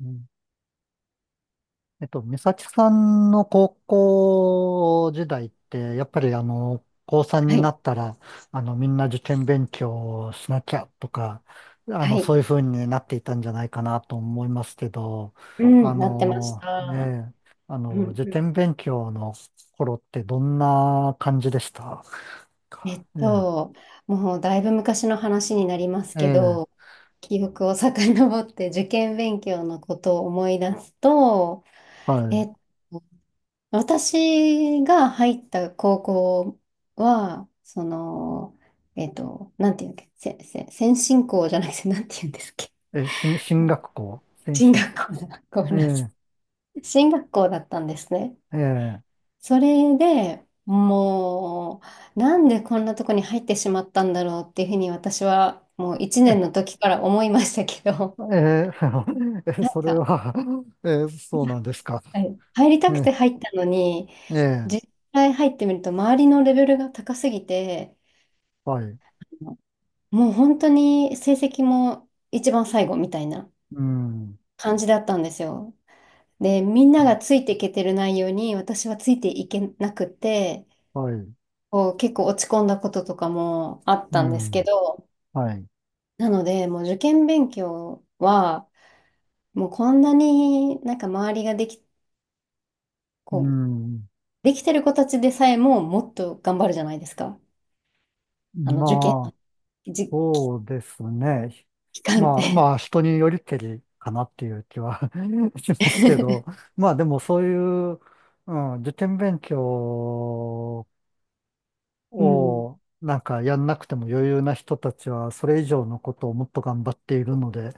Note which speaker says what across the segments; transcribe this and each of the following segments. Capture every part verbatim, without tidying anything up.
Speaker 1: うんえっと、美咲さんの高校時代って、やっぱりあの、高さん
Speaker 2: は
Speaker 1: にな
Speaker 2: い、
Speaker 1: ったら、あの、みんな受験勉強をしなきゃとか、あ
Speaker 2: は
Speaker 1: の、
Speaker 2: い。
Speaker 1: そういう風になっていたんじゃないかなと思いますけど、
Speaker 2: う
Speaker 1: あ
Speaker 2: ん、なってまし
Speaker 1: の、え
Speaker 2: た。
Speaker 1: え、あ
Speaker 2: う
Speaker 1: の、
Speaker 2: ん、
Speaker 1: 受
Speaker 2: うん、
Speaker 1: 験勉強の頃ってどんな感じでした
Speaker 2: え
Speaker 1: か
Speaker 2: っ
Speaker 1: え
Speaker 2: と、もうだいぶ昔の話になります
Speaker 1: え、え
Speaker 2: け
Speaker 1: え、
Speaker 2: ど、記憶を遡って受験勉強のことを思い出すと、
Speaker 1: は
Speaker 2: え
Speaker 1: い。
Speaker 2: っと、私が入った高校は、その、えっと、なんていうんだっけ、せ、せ、先進校じゃなくて、なんていうんですっけ、
Speaker 1: え、進進学校、先
Speaker 2: 進
Speaker 1: 進、
Speaker 2: 学校だ、ごめ
Speaker 1: え
Speaker 2: んなさ
Speaker 1: え、
Speaker 2: い。進学校だったんですね。
Speaker 1: ええ。
Speaker 2: それでもう、なんでこんなとこに入ってしまったんだろうっていうふうに私はもういちねんの時から思いましたけど、
Speaker 1: え ー
Speaker 2: な
Speaker 1: そ
Speaker 2: ん
Speaker 1: れ
Speaker 2: か、
Speaker 1: は えーそうなんですか。
Speaker 2: はい、入りたくて
Speaker 1: ね
Speaker 2: 入ったのに、
Speaker 1: え
Speaker 2: 実
Speaker 1: え
Speaker 2: 際入ってみると周りのレベルが高すぎて、
Speaker 1: はい。
Speaker 2: もう本当に成績も一番最後みたいな
Speaker 1: うん。
Speaker 2: 感じだったんですよ。で、みんながついていけてる内容に私はついていけなくて、
Speaker 1: はい。
Speaker 2: こう結構落ち込んだこととかもあっ
Speaker 1: う
Speaker 2: たんですけ
Speaker 1: ん。
Speaker 2: ど、
Speaker 1: はい。
Speaker 2: なので、もう受験勉強は、もうこんなになんか周りができ、
Speaker 1: う
Speaker 2: こう、
Speaker 1: ん。
Speaker 2: できてる子たちでさえももっと頑張るじゃないですか。あの、受験の
Speaker 1: まあ、
Speaker 2: 時
Speaker 1: そうですね。
Speaker 2: 期間っ
Speaker 1: まあ、ま
Speaker 2: て。
Speaker 1: あ、人によりけりかなっていう気は しますけど、まあ、でもそういう、うん、受験勉強
Speaker 2: うん。
Speaker 1: をなんかやんなくても余裕な人たちは、それ以上のことをもっと頑張っているので、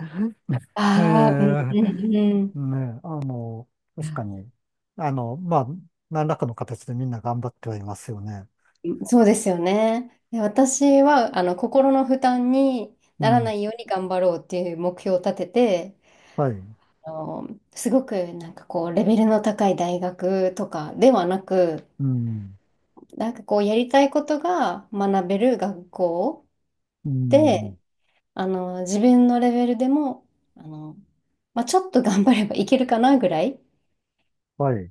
Speaker 1: え
Speaker 2: ああ、うん
Speaker 1: え、
Speaker 2: うんうん。
Speaker 1: ね、あの、確かに、あの、まあ、何らかの形でみんな頑張ってはいますよね。
Speaker 2: そうですよね。で私は、あの、心の負担に
Speaker 1: う
Speaker 2: ならな
Speaker 1: ん、
Speaker 2: いように頑張ろうっていう目標を立てて、
Speaker 1: はい、
Speaker 2: あの、すごくなんかこう、レベルの高い大学とかではなく、
Speaker 1: うん、
Speaker 2: なんかこうやりたいことが学べる学校
Speaker 1: うん、
Speaker 2: で、あの自分のレベルでも、あの、まあ、ちょっと頑張ればいけるかなぐらい
Speaker 1: はい、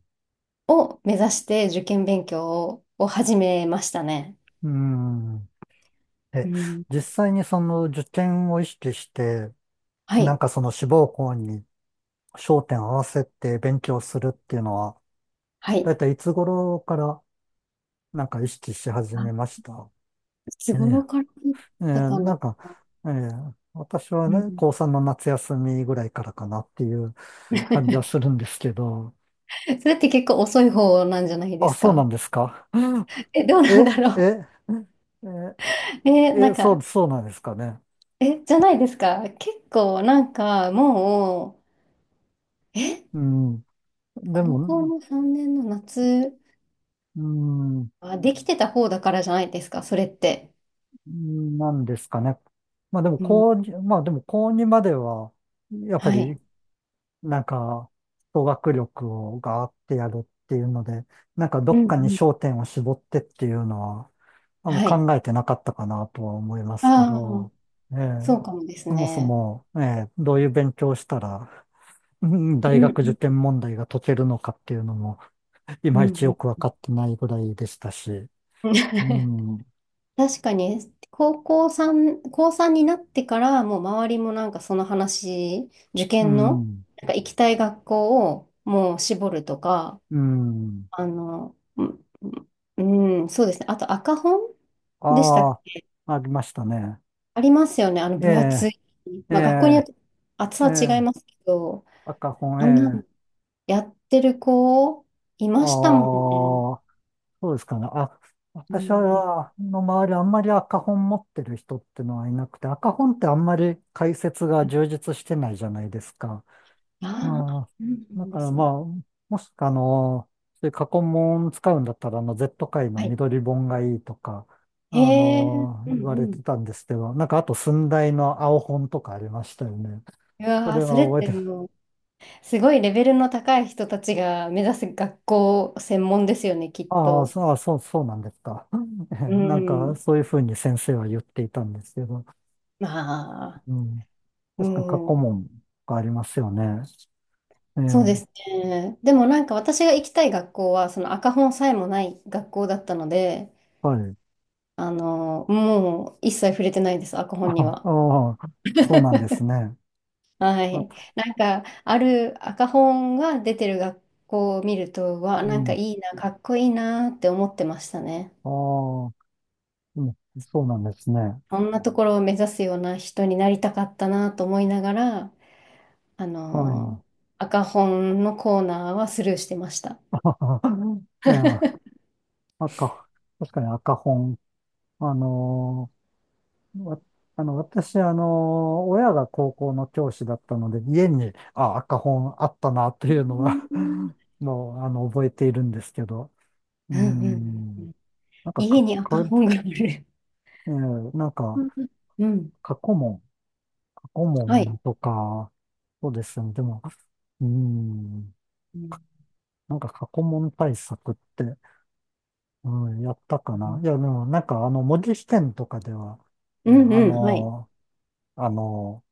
Speaker 2: を目指して受験勉強を、を始めましたね。
Speaker 1: うん。え、
Speaker 2: うん。
Speaker 1: 実際にその受験を意識して、
Speaker 2: は
Speaker 1: なん
Speaker 2: い。
Speaker 1: かその志望校に焦点を合わせて勉強するっていうのは、
Speaker 2: は
Speaker 1: だ
Speaker 2: い。
Speaker 1: いたいいつ頃からなんか意識し始
Speaker 2: あ、
Speaker 1: めました
Speaker 2: いつ
Speaker 1: ええ
Speaker 2: 頃からだっ
Speaker 1: えー
Speaker 2: たか
Speaker 1: な
Speaker 2: な。
Speaker 1: んか、えー私は
Speaker 2: う
Speaker 1: ね、
Speaker 2: ん、
Speaker 1: 高さんの夏休みぐらいからかなっていう感じはす るんですけど、
Speaker 2: それって結構遅い方なんじゃないで
Speaker 1: あ、
Speaker 2: す
Speaker 1: そうな
Speaker 2: か。
Speaker 1: んですか。
Speaker 2: え、どうなんだ
Speaker 1: え、
Speaker 2: ろう。
Speaker 1: え、え、
Speaker 2: え、な
Speaker 1: え、
Speaker 2: ん
Speaker 1: そう、
Speaker 2: か、
Speaker 1: そうなんですかね。
Speaker 2: え、じゃないですか。結構なんかもう、え
Speaker 1: うん。で
Speaker 2: 高
Speaker 1: も、
Speaker 2: 校のさんねんの夏
Speaker 1: うん、
Speaker 2: はできてた方だからじゃないですか、それって。
Speaker 1: なんですかね。まあでも、
Speaker 2: うん。
Speaker 1: 高2、まあでも、高にまでは、やっぱ
Speaker 2: は
Speaker 1: り
Speaker 2: い。
Speaker 1: なんか、語学力をガーってやるっていうので、なんかど
Speaker 2: う
Speaker 1: っ
Speaker 2: ん、う
Speaker 1: かに
Speaker 2: ん。
Speaker 1: 焦点を絞ってっていうのは、あの
Speaker 2: はい。
Speaker 1: 考えてなかったかなとは思いますけ
Speaker 2: あ
Speaker 1: ど、
Speaker 2: あ、
Speaker 1: ええ、
Speaker 2: そうかもです
Speaker 1: そもそ
Speaker 2: ね。
Speaker 1: も、ええ、どういう勉強をしたら、うん
Speaker 2: う
Speaker 1: 大
Speaker 2: ん、
Speaker 1: 学
Speaker 2: う
Speaker 1: 受
Speaker 2: ん、
Speaker 1: 験問題が解けるのかっていうのも、い
Speaker 2: う
Speaker 1: まいちよ
Speaker 2: ん、
Speaker 1: くわかってないぐらいでしたし、
Speaker 2: うん。
Speaker 1: う ん、
Speaker 2: 確かに、高校さん、高さんになってから、もう周りもなんかその話、受
Speaker 1: う
Speaker 2: 験の、
Speaker 1: ん、
Speaker 2: なんか行きたい学校をもう絞るとか、
Speaker 1: うん、
Speaker 2: あの、うん、うん、そうですね。あと赤本でした
Speaker 1: あ
Speaker 2: っ
Speaker 1: あ、ありましたね。
Speaker 2: ありますよね。あの、
Speaker 1: え
Speaker 2: 分厚
Speaker 1: え、
Speaker 2: い。
Speaker 1: え
Speaker 2: まあ、学校によっ
Speaker 1: え、
Speaker 2: て厚
Speaker 1: え
Speaker 2: さは違い
Speaker 1: え、
Speaker 2: ますけど、
Speaker 1: 赤本、え
Speaker 2: あんなの
Speaker 1: え。
Speaker 2: やってる子、い
Speaker 1: あ
Speaker 2: ましたもんね。
Speaker 1: あ、そうですかね。あ、
Speaker 2: う
Speaker 1: 私
Speaker 2: ん。
Speaker 1: は、の周りあんまり赤本持ってる人ってのはいなくて、赤本ってあんまり解説が充実してないじゃないですか。あ
Speaker 2: ああ、
Speaker 1: あ、
Speaker 2: そうな
Speaker 1: だ
Speaker 2: ん
Speaker 1: か
Speaker 2: で
Speaker 1: ら
Speaker 2: す
Speaker 1: まあ、
Speaker 2: ね。
Speaker 1: もしくはあの、そういう過去問使うんだったら、あの、Z 界の
Speaker 2: はい。
Speaker 1: 緑本がいいとか、あ
Speaker 2: へえ、
Speaker 1: の、
Speaker 2: うん
Speaker 1: 言わ
Speaker 2: う
Speaker 1: れ
Speaker 2: ん。
Speaker 1: てたんですけど、なんかあと寸大の青本とかありましたよね。
Speaker 2: う
Speaker 1: そ
Speaker 2: わあ、
Speaker 1: れ
Speaker 2: そ
Speaker 1: は
Speaker 2: れっ
Speaker 1: 覚え
Speaker 2: て
Speaker 1: て
Speaker 2: もう、すごいレベルの高い人たちが目指す学校専門ですよね、きっ
Speaker 1: ああ、
Speaker 2: と。
Speaker 1: そう、あそう、そうなんですか。え
Speaker 2: う
Speaker 1: なんか、
Speaker 2: ん。
Speaker 1: そういうふうに先生は言っていたんですけど、
Speaker 2: まあ、
Speaker 1: うん。
Speaker 2: う
Speaker 1: 確かに過去
Speaker 2: ん。
Speaker 1: 問がありますよね。ええ、
Speaker 2: そうですね。でもなんか私が行きたい学校は、その赤本さえもない学校だったので、
Speaker 1: はい。
Speaker 2: あの、もう一切触れてないです、赤本に は。
Speaker 1: ああ、そうなんですね。
Speaker 2: は
Speaker 1: あ、
Speaker 2: い。なんか、ある赤本が出てる学校を見ると、わ
Speaker 1: う
Speaker 2: なんか
Speaker 1: ん。
Speaker 2: いいな、かっこいいなって思ってましたね。
Speaker 1: ああ、うん、そうなんですね。
Speaker 2: そんなところを目指すような人になりたかったなと思いながら、あ
Speaker 1: はい。
Speaker 2: の、赤本のコーナーはスルーしてました。
Speaker 1: あえ赤、確かに赤本。あのわあの、私、あの、親が高校の教師だったので、家に、あ、赤本あったな、という
Speaker 2: う
Speaker 1: の
Speaker 2: ん
Speaker 1: は
Speaker 2: うん
Speaker 1: もう、あの、覚えているんですけど、うー
Speaker 2: うんう
Speaker 1: ん、
Speaker 2: ん。
Speaker 1: なんか、
Speaker 2: 家
Speaker 1: か、
Speaker 2: に赤
Speaker 1: か、
Speaker 2: 本がある。
Speaker 1: えーなんか、
Speaker 2: うんうん。
Speaker 1: 過去問、過去
Speaker 2: はい。
Speaker 1: 問とか、そうですね、でも、うーん、
Speaker 2: うん
Speaker 1: なんか過去問対策って、うん、やったかな。いや、でも、なんか、あの、文字試験とかでは、
Speaker 2: う
Speaker 1: ね、
Speaker 2: ん、
Speaker 1: あ
Speaker 2: うん、はい。
Speaker 1: の、あの、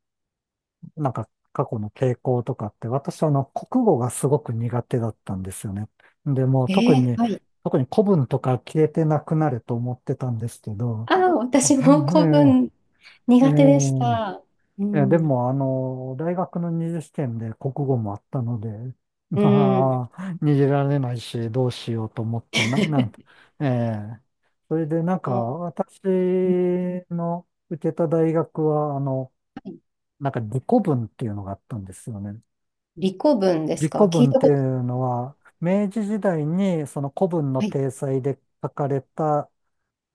Speaker 1: なんか過去の傾向とかって、私あの国語がすごく苦手だったんですよね。で、もう
Speaker 2: え
Speaker 1: 特
Speaker 2: ー、
Speaker 1: に、
Speaker 2: はい。
Speaker 1: 特に古文とか消えてなくなると思ってたんですけど、
Speaker 2: ああ、
Speaker 1: う
Speaker 2: 私も古
Speaker 1: ん
Speaker 2: 文
Speaker 1: えええ
Speaker 2: 苦手でした。う
Speaker 1: えええで
Speaker 2: ん。
Speaker 1: もあの、大学の二次試験で国語もあったので、
Speaker 2: う ん。
Speaker 1: まあ、逃げられないし、どうしようと思って、な、なん、ええそれでなんか、
Speaker 2: も
Speaker 1: 私
Speaker 2: う
Speaker 1: の受けた大学は、あの、なんか理古文っていうのがあったんですよね。
Speaker 2: 理古文で
Speaker 1: 李
Speaker 2: す
Speaker 1: 古
Speaker 2: か、聞い
Speaker 1: 文っ
Speaker 2: た
Speaker 1: て
Speaker 2: こ
Speaker 1: い
Speaker 2: と
Speaker 1: うのは、明治時代にその古文の
Speaker 2: ない。
Speaker 1: 体裁で書かれた、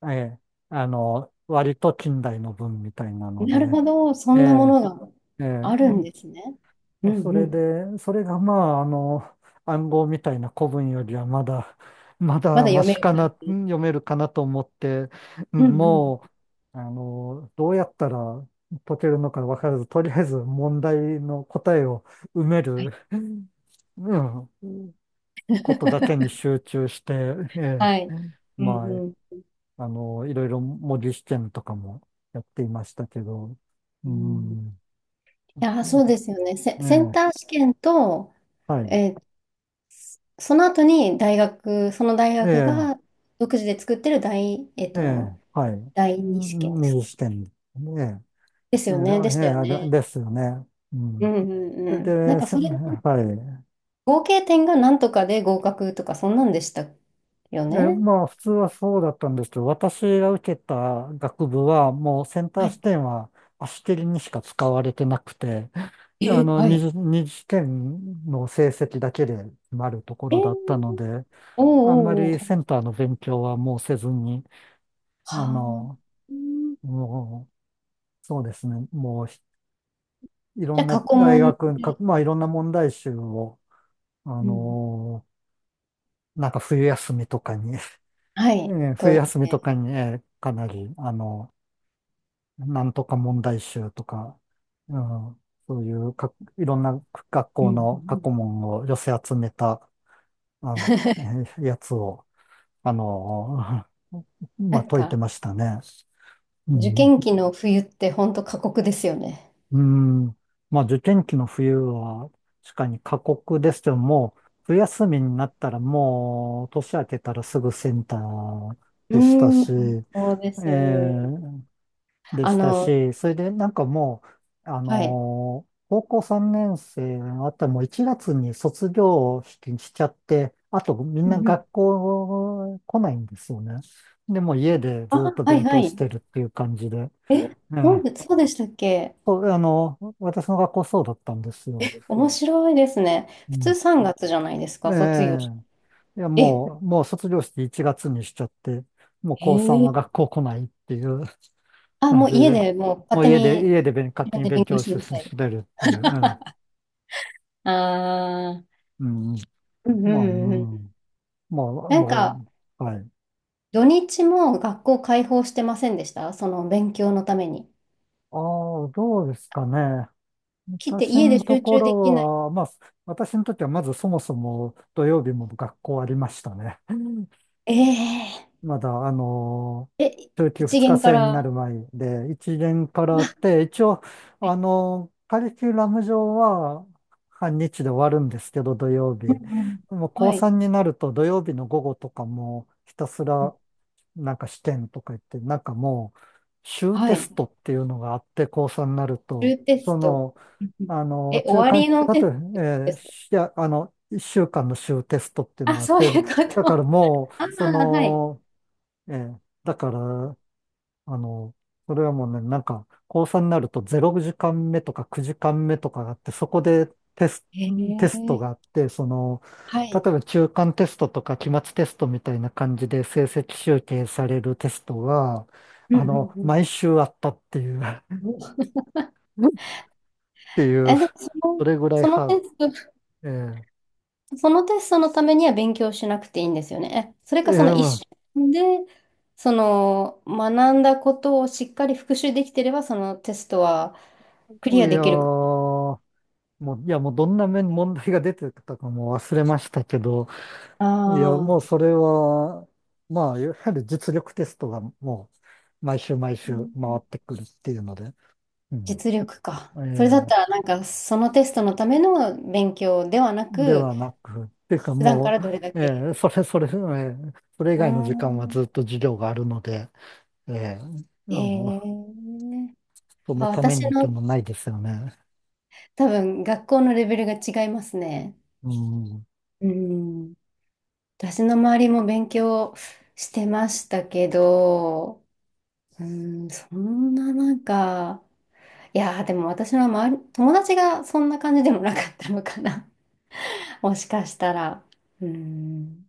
Speaker 1: ええ、あの、割と近代の文みたいなの
Speaker 2: なる
Speaker 1: で、
Speaker 2: ほど。そ
Speaker 1: え
Speaker 2: んなも
Speaker 1: え、
Speaker 2: のが
Speaker 1: ええ、
Speaker 2: あるん
Speaker 1: う
Speaker 2: ですね。うん
Speaker 1: んそ
Speaker 2: う
Speaker 1: れ
Speaker 2: ん。
Speaker 1: で、それがまあ、あの、暗号みたいな古文よりはまだ、ま
Speaker 2: ま
Speaker 1: だ
Speaker 2: だ
Speaker 1: マ
Speaker 2: 読め
Speaker 1: シか
Speaker 2: る
Speaker 1: な、
Speaker 2: 感
Speaker 1: う
Speaker 2: じ。
Speaker 1: ん読めるかなと思って、う
Speaker 2: う
Speaker 1: ん
Speaker 2: んうん。
Speaker 1: もう、あの、どうやったら解けるのか分からず、とりあえず問題の答えを埋め
Speaker 2: は
Speaker 1: る、
Speaker 2: い。
Speaker 1: うん。ことだけに 集中して、え
Speaker 2: は
Speaker 1: え、
Speaker 2: い。うん
Speaker 1: ま
Speaker 2: うん。
Speaker 1: あ、あの、いろいろ模擬試験とかもやっていましたけど、う
Speaker 2: うん、い
Speaker 1: ん、
Speaker 2: や、そうですよね。セ、
Speaker 1: え
Speaker 2: セン
Speaker 1: え、
Speaker 2: ター試験と、
Speaker 1: はい、
Speaker 2: えーその後に大学、その大
Speaker 1: え
Speaker 2: 学
Speaker 1: え、
Speaker 2: が独自で作ってる大、えっ
Speaker 1: え
Speaker 2: と、
Speaker 1: え、はい、
Speaker 2: だいにしけんです。
Speaker 1: 右試験、ええ、
Speaker 2: です
Speaker 1: ええ、
Speaker 2: よね。で
Speaker 1: え
Speaker 2: し
Speaker 1: え
Speaker 2: たよ
Speaker 1: あれ
Speaker 2: ね。
Speaker 1: ですよね。う
Speaker 2: う
Speaker 1: ん。
Speaker 2: んうん
Speaker 1: それ
Speaker 2: うん。なん
Speaker 1: で、
Speaker 2: か
Speaker 1: せ
Speaker 2: それ、
Speaker 1: はい。
Speaker 2: 合計点がなんとかで合格とか、そんなんでしたよ
Speaker 1: で、
Speaker 2: ね。
Speaker 1: まあ、普通はそうだったんですけど、私が受けた学部は、もうセンタ
Speaker 2: は
Speaker 1: ー
Speaker 2: い。
Speaker 1: 試験は足切りにしか使われてなくて、あ
Speaker 2: え、
Speaker 1: の、
Speaker 2: は
Speaker 1: 二
Speaker 2: い。
Speaker 1: 次、二次試験の成績だけで決まるとこ
Speaker 2: え
Speaker 1: ろだった
Speaker 2: ー、
Speaker 1: ので、
Speaker 2: お
Speaker 1: あんま
Speaker 2: うおうおう。は
Speaker 1: りセンターの勉強はもうせずに、あ
Speaker 2: あ。
Speaker 1: の、
Speaker 2: うん、
Speaker 1: もう、そうですね、もうひいろ
Speaker 2: じゃ
Speaker 1: ん
Speaker 2: あ、過
Speaker 1: な
Speaker 2: 去
Speaker 1: 大
Speaker 2: 問
Speaker 1: 学、か
Speaker 2: で、
Speaker 1: まあいろんな問題集を、あ
Speaker 2: うん、
Speaker 1: の、なんか冬休みとかに
Speaker 2: は
Speaker 1: え
Speaker 2: い、
Speaker 1: ー冬
Speaker 2: 解い
Speaker 1: 休み
Speaker 2: て。
Speaker 1: とかに、えーかなり、あの、なんとか問題集とか、うん、そういうか、いろんな学
Speaker 2: うん
Speaker 1: 校
Speaker 2: うんう
Speaker 1: の過
Speaker 2: ん、
Speaker 1: 去問を寄せ集めたあ、えやつを、あの、
Speaker 2: な
Speaker 1: まあ、
Speaker 2: ん
Speaker 1: 解いて
Speaker 2: か、
Speaker 1: ましたね。う
Speaker 2: 受
Speaker 1: ん。
Speaker 2: 験期の冬って本当過酷ですよね。
Speaker 1: うん。まあ、受験期の冬は、確かに過酷ですけども、冬休みになったらもう、年明けたらすぐセンター
Speaker 2: う
Speaker 1: でしたし、
Speaker 2: ん。そうで
Speaker 1: え
Speaker 2: す
Speaker 1: え
Speaker 2: よ。
Speaker 1: で
Speaker 2: あ
Speaker 1: した
Speaker 2: の、
Speaker 1: し、それでなんかもう、あ
Speaker 2: はい。
Speaker 1: のー高校さんねん生のあったらもういちがつに卒業式にしちゃって、あとみん
Speaker 2: う
Speaker 1: な
Speaker 2: んう
Speaker 1: 学
Speaker 2: ん、
Speaker 1: 校来ないんですよね。で、もう家でずっ
Speaker 2: あ、
Speaker 1: と
Speaker 2: はい
Speaker 1: 勉
Speaker 2: は
Speaker 1: 強し
Speaker 2: い。
Speaker 1: てるっていう感じで。
Speaker 2: え、
Speaker 1: え
Speaker 2: なん
Speaker 1: え
Speaker 2: で、そうでしたっけ。
Speaker 1: そう、あの、私の学校そうだったんですよ。
Speaker 2: 面白いですね。
Speaker 1: う
Speaker 2: 普通う
Speaker 1: ん。
Speaker 2: さんがつじゃないです
Speaker 1: え
Speaker 2: か、卒
Speaker 1: え
Speaker 2: 業式。
Speaker 1: いや、
Speaker 2: え、
Speaker 1: もう、もう卒業式いちがつにしちゃって、もう
Speaker 2: へ
Speaker 1: 高さんは
Speaker 2: え。
Speaker 1: 学校来ないっていう。
Speaker 2: あ、
Speaker 1: うん、
Speaker 2: もう家
Speaker 1: で、
Speaker 2: でもう
Speaker 1: も
Speaker 2: 勝
Speaker 1: う
Speaker 2: 手
Speaker 1: 家で、
Speaker 2: に
Speaker 1: 家で勉勝
Speaker 2: 自
Speaker 1: 手
Speaker 2: 分
Speaker 1: に
Speaker 2: で
Speaker 1: 勉
Speaker 2: 勉強
Speaker 1: 強し
Speaker 2: し
Speaker 1: て
Speaker 2: なさい。
Speaker 1: 進めるっていう。
Speaker 2: ああ、
Speaker 1: うん。うん。
Speaker 2: うんう
Speaker 1: まあ、う
Speaker 2: んうん。
Speaker 1: ん。まあ、
Speaker 2: なん
Speaker 1: も
Speaker 2: か、
Speaker 1: う、はい。
Speaker 2: 土日も学校開放してませんでした、その勉強のために。
Speaker 1: ああ、どうですかね。
Speaker 2: 来て
Speaker 1: 私
Speaker 2: 家で
Speaker 1: のと
Speaker 2: 集
Speaker 1: こ
Speaker 2: 中できない。
Speaker 1: ろは、まあ、私にとってはまずそもそも土曜日も学校ありましたね。
Speaker 2: え
Speaker 1: まだ、あの
Speaker 2: ええ、
Speaker 1: ー、中級
Speaker 2: 一
Speaker 1: ふつか
Speaker 2: 限か
Speaker 1: 制にな
Speaker 2: ら。
Speaker 1: る前で、いちねんか
Speaker 2: う
Speaker 1: らあっ
Speaker 2: わ、
Speaker 1: て、一応、あのーカリキュラム上は半日で終わるんですけど、土曜
Speaker 2: う
Speaker 1: 日。で
Speaker 2: んうん、
Speaker 1: も高
Speaker 2: はい。
Speaker 1: さんになると土曜日の午後とかもひたすらなんか試験とか言って、なんかもう、週
Speaker 2: は
Speaker 1: テ
Speaker 2: い。
Speaker 1: ストっていうのがあって、高さんになる
Speaker 2: 中
Speaker 1: と、
Speaker 2: テス
Speaker 1: そ
Speaker 2: ト。
Speaker 1: の、
Speaker 2: うんうん、
Speaker 1: あの
Speaker 2: え、
Speaker 1: ー、
Speaker 2: 終
Speaker 1: 中
Speaker 2: わり
Speaker 1: 間、
Speaker 2: の
Speaker 1: あ
Speaker 2: テ
Speaker 1: と、
Speaker 2: ス
Speaker 1: え
Speaker 2: トで
Speaker 1: ー
Speaker 2: すか、
Speaker 1: しあの、いっしゅうかんの週テストっていうの
Speaker 2: あ、
Speaker 1: があっ
Speaker 2: そう
Speaker 1: て、
Speaker 2: いうこ
Speaker 1: だから
Speaker 2: と。
Speaker 1: も
Speaker 2: あ
Speaker 1: う、そ
Speaker 2: あ、はい。
Speaker 1: の、ええ。だから、あの、それはもうね、なんか、高さんになるとれいじかんめとかきゅうじかんめとかがあって、そこでテス、
Speaker 2: へえ、
Speaker 1: テストがあって、その、
Speaker 2: は
Speaker 1: 例
Speaker 2: い。
Speaker 1: えば中間テストとか期末テストみたいな感じで成績集計されるテストは、
Speaker 2: うん
Speaker 1: あの、
Speaker 2: うん
Speaker 1: 毎週あったっていう、っ
Speaker 2: うん。
Speaker 1: ていう、
Speaker 2: え、でもその、
Speaker 1: それぐらい
Speaker 2: その
Speaker 1: ハード。
Speaker 2: テスト、
Speaker 1: え
Speaker 2: そのテストのためには勉強しなくていいんですよね。え、それ
Speaker 1: え、
Speaker 2: か
Speaker 1: え
Speaker 2: その
Speaker 1: え、
Speaker 2: 一
Speaker 1: ま
Speaker 2: 週間で、その、学んだことをしっかり復習できてれば、そのテストは
Speaker 1: あ、
Speaker 2: クリ
Speaker 1: い
Speaker 2: ア
Speaker 1: や
Speaker 2: で
Speaker 1: ー、
Speaker 2: きるか。
Speaker 1: もう、いや、もうどんな面問題が出てたかもう忘れましたけど、
Speaker 2: あ
Speaker 1: いや、もう
Speaker 2: あ、
Speaker 1: それは、まあ、やはり実力テストがもう、毎週毎週回ってくるっていうので、うん。
Speaker 2: 実力か。
Speaker 1: え
Speaker 2: それだったら、
Speaker 1: ー
Speaker 2: なんか、そのテストのための勉強ではな
Speaker 1: で
Speaker 2: く、
Speaker 1: はなく、っていうか
Speaker 2: 普段か
Speaker 1: も
Speaker 2: らどれだ
Speaker 1: う、え
Speaker 2: け。
Speaker 1: ーそれそれ、えーそれ以
Speaker 2: う
Speaker 1: 外の時間は
Speaker 2: ん。
Speaker 1: ずっと授業があるので、えーあ
Speaker 2: え
Speaker 1: の、
Speaker 2: え、
Speaker 1: その
Speaker 2: あ、
Speaker 1: ため
Speaker 2: 私
Speaker 1: にっ
Speaker 2: の
Speaker 1: てもないですよね。
Speaker 2: 多分学校のレベルが違いますね。
Speaker 1: うん。
Speaker 2: うん。私の周りも勉強してましたけど、うん、そんななんか、いやー、でも私の周り、友達がそんな感じでもなかったのかな。もしかしたら。うん。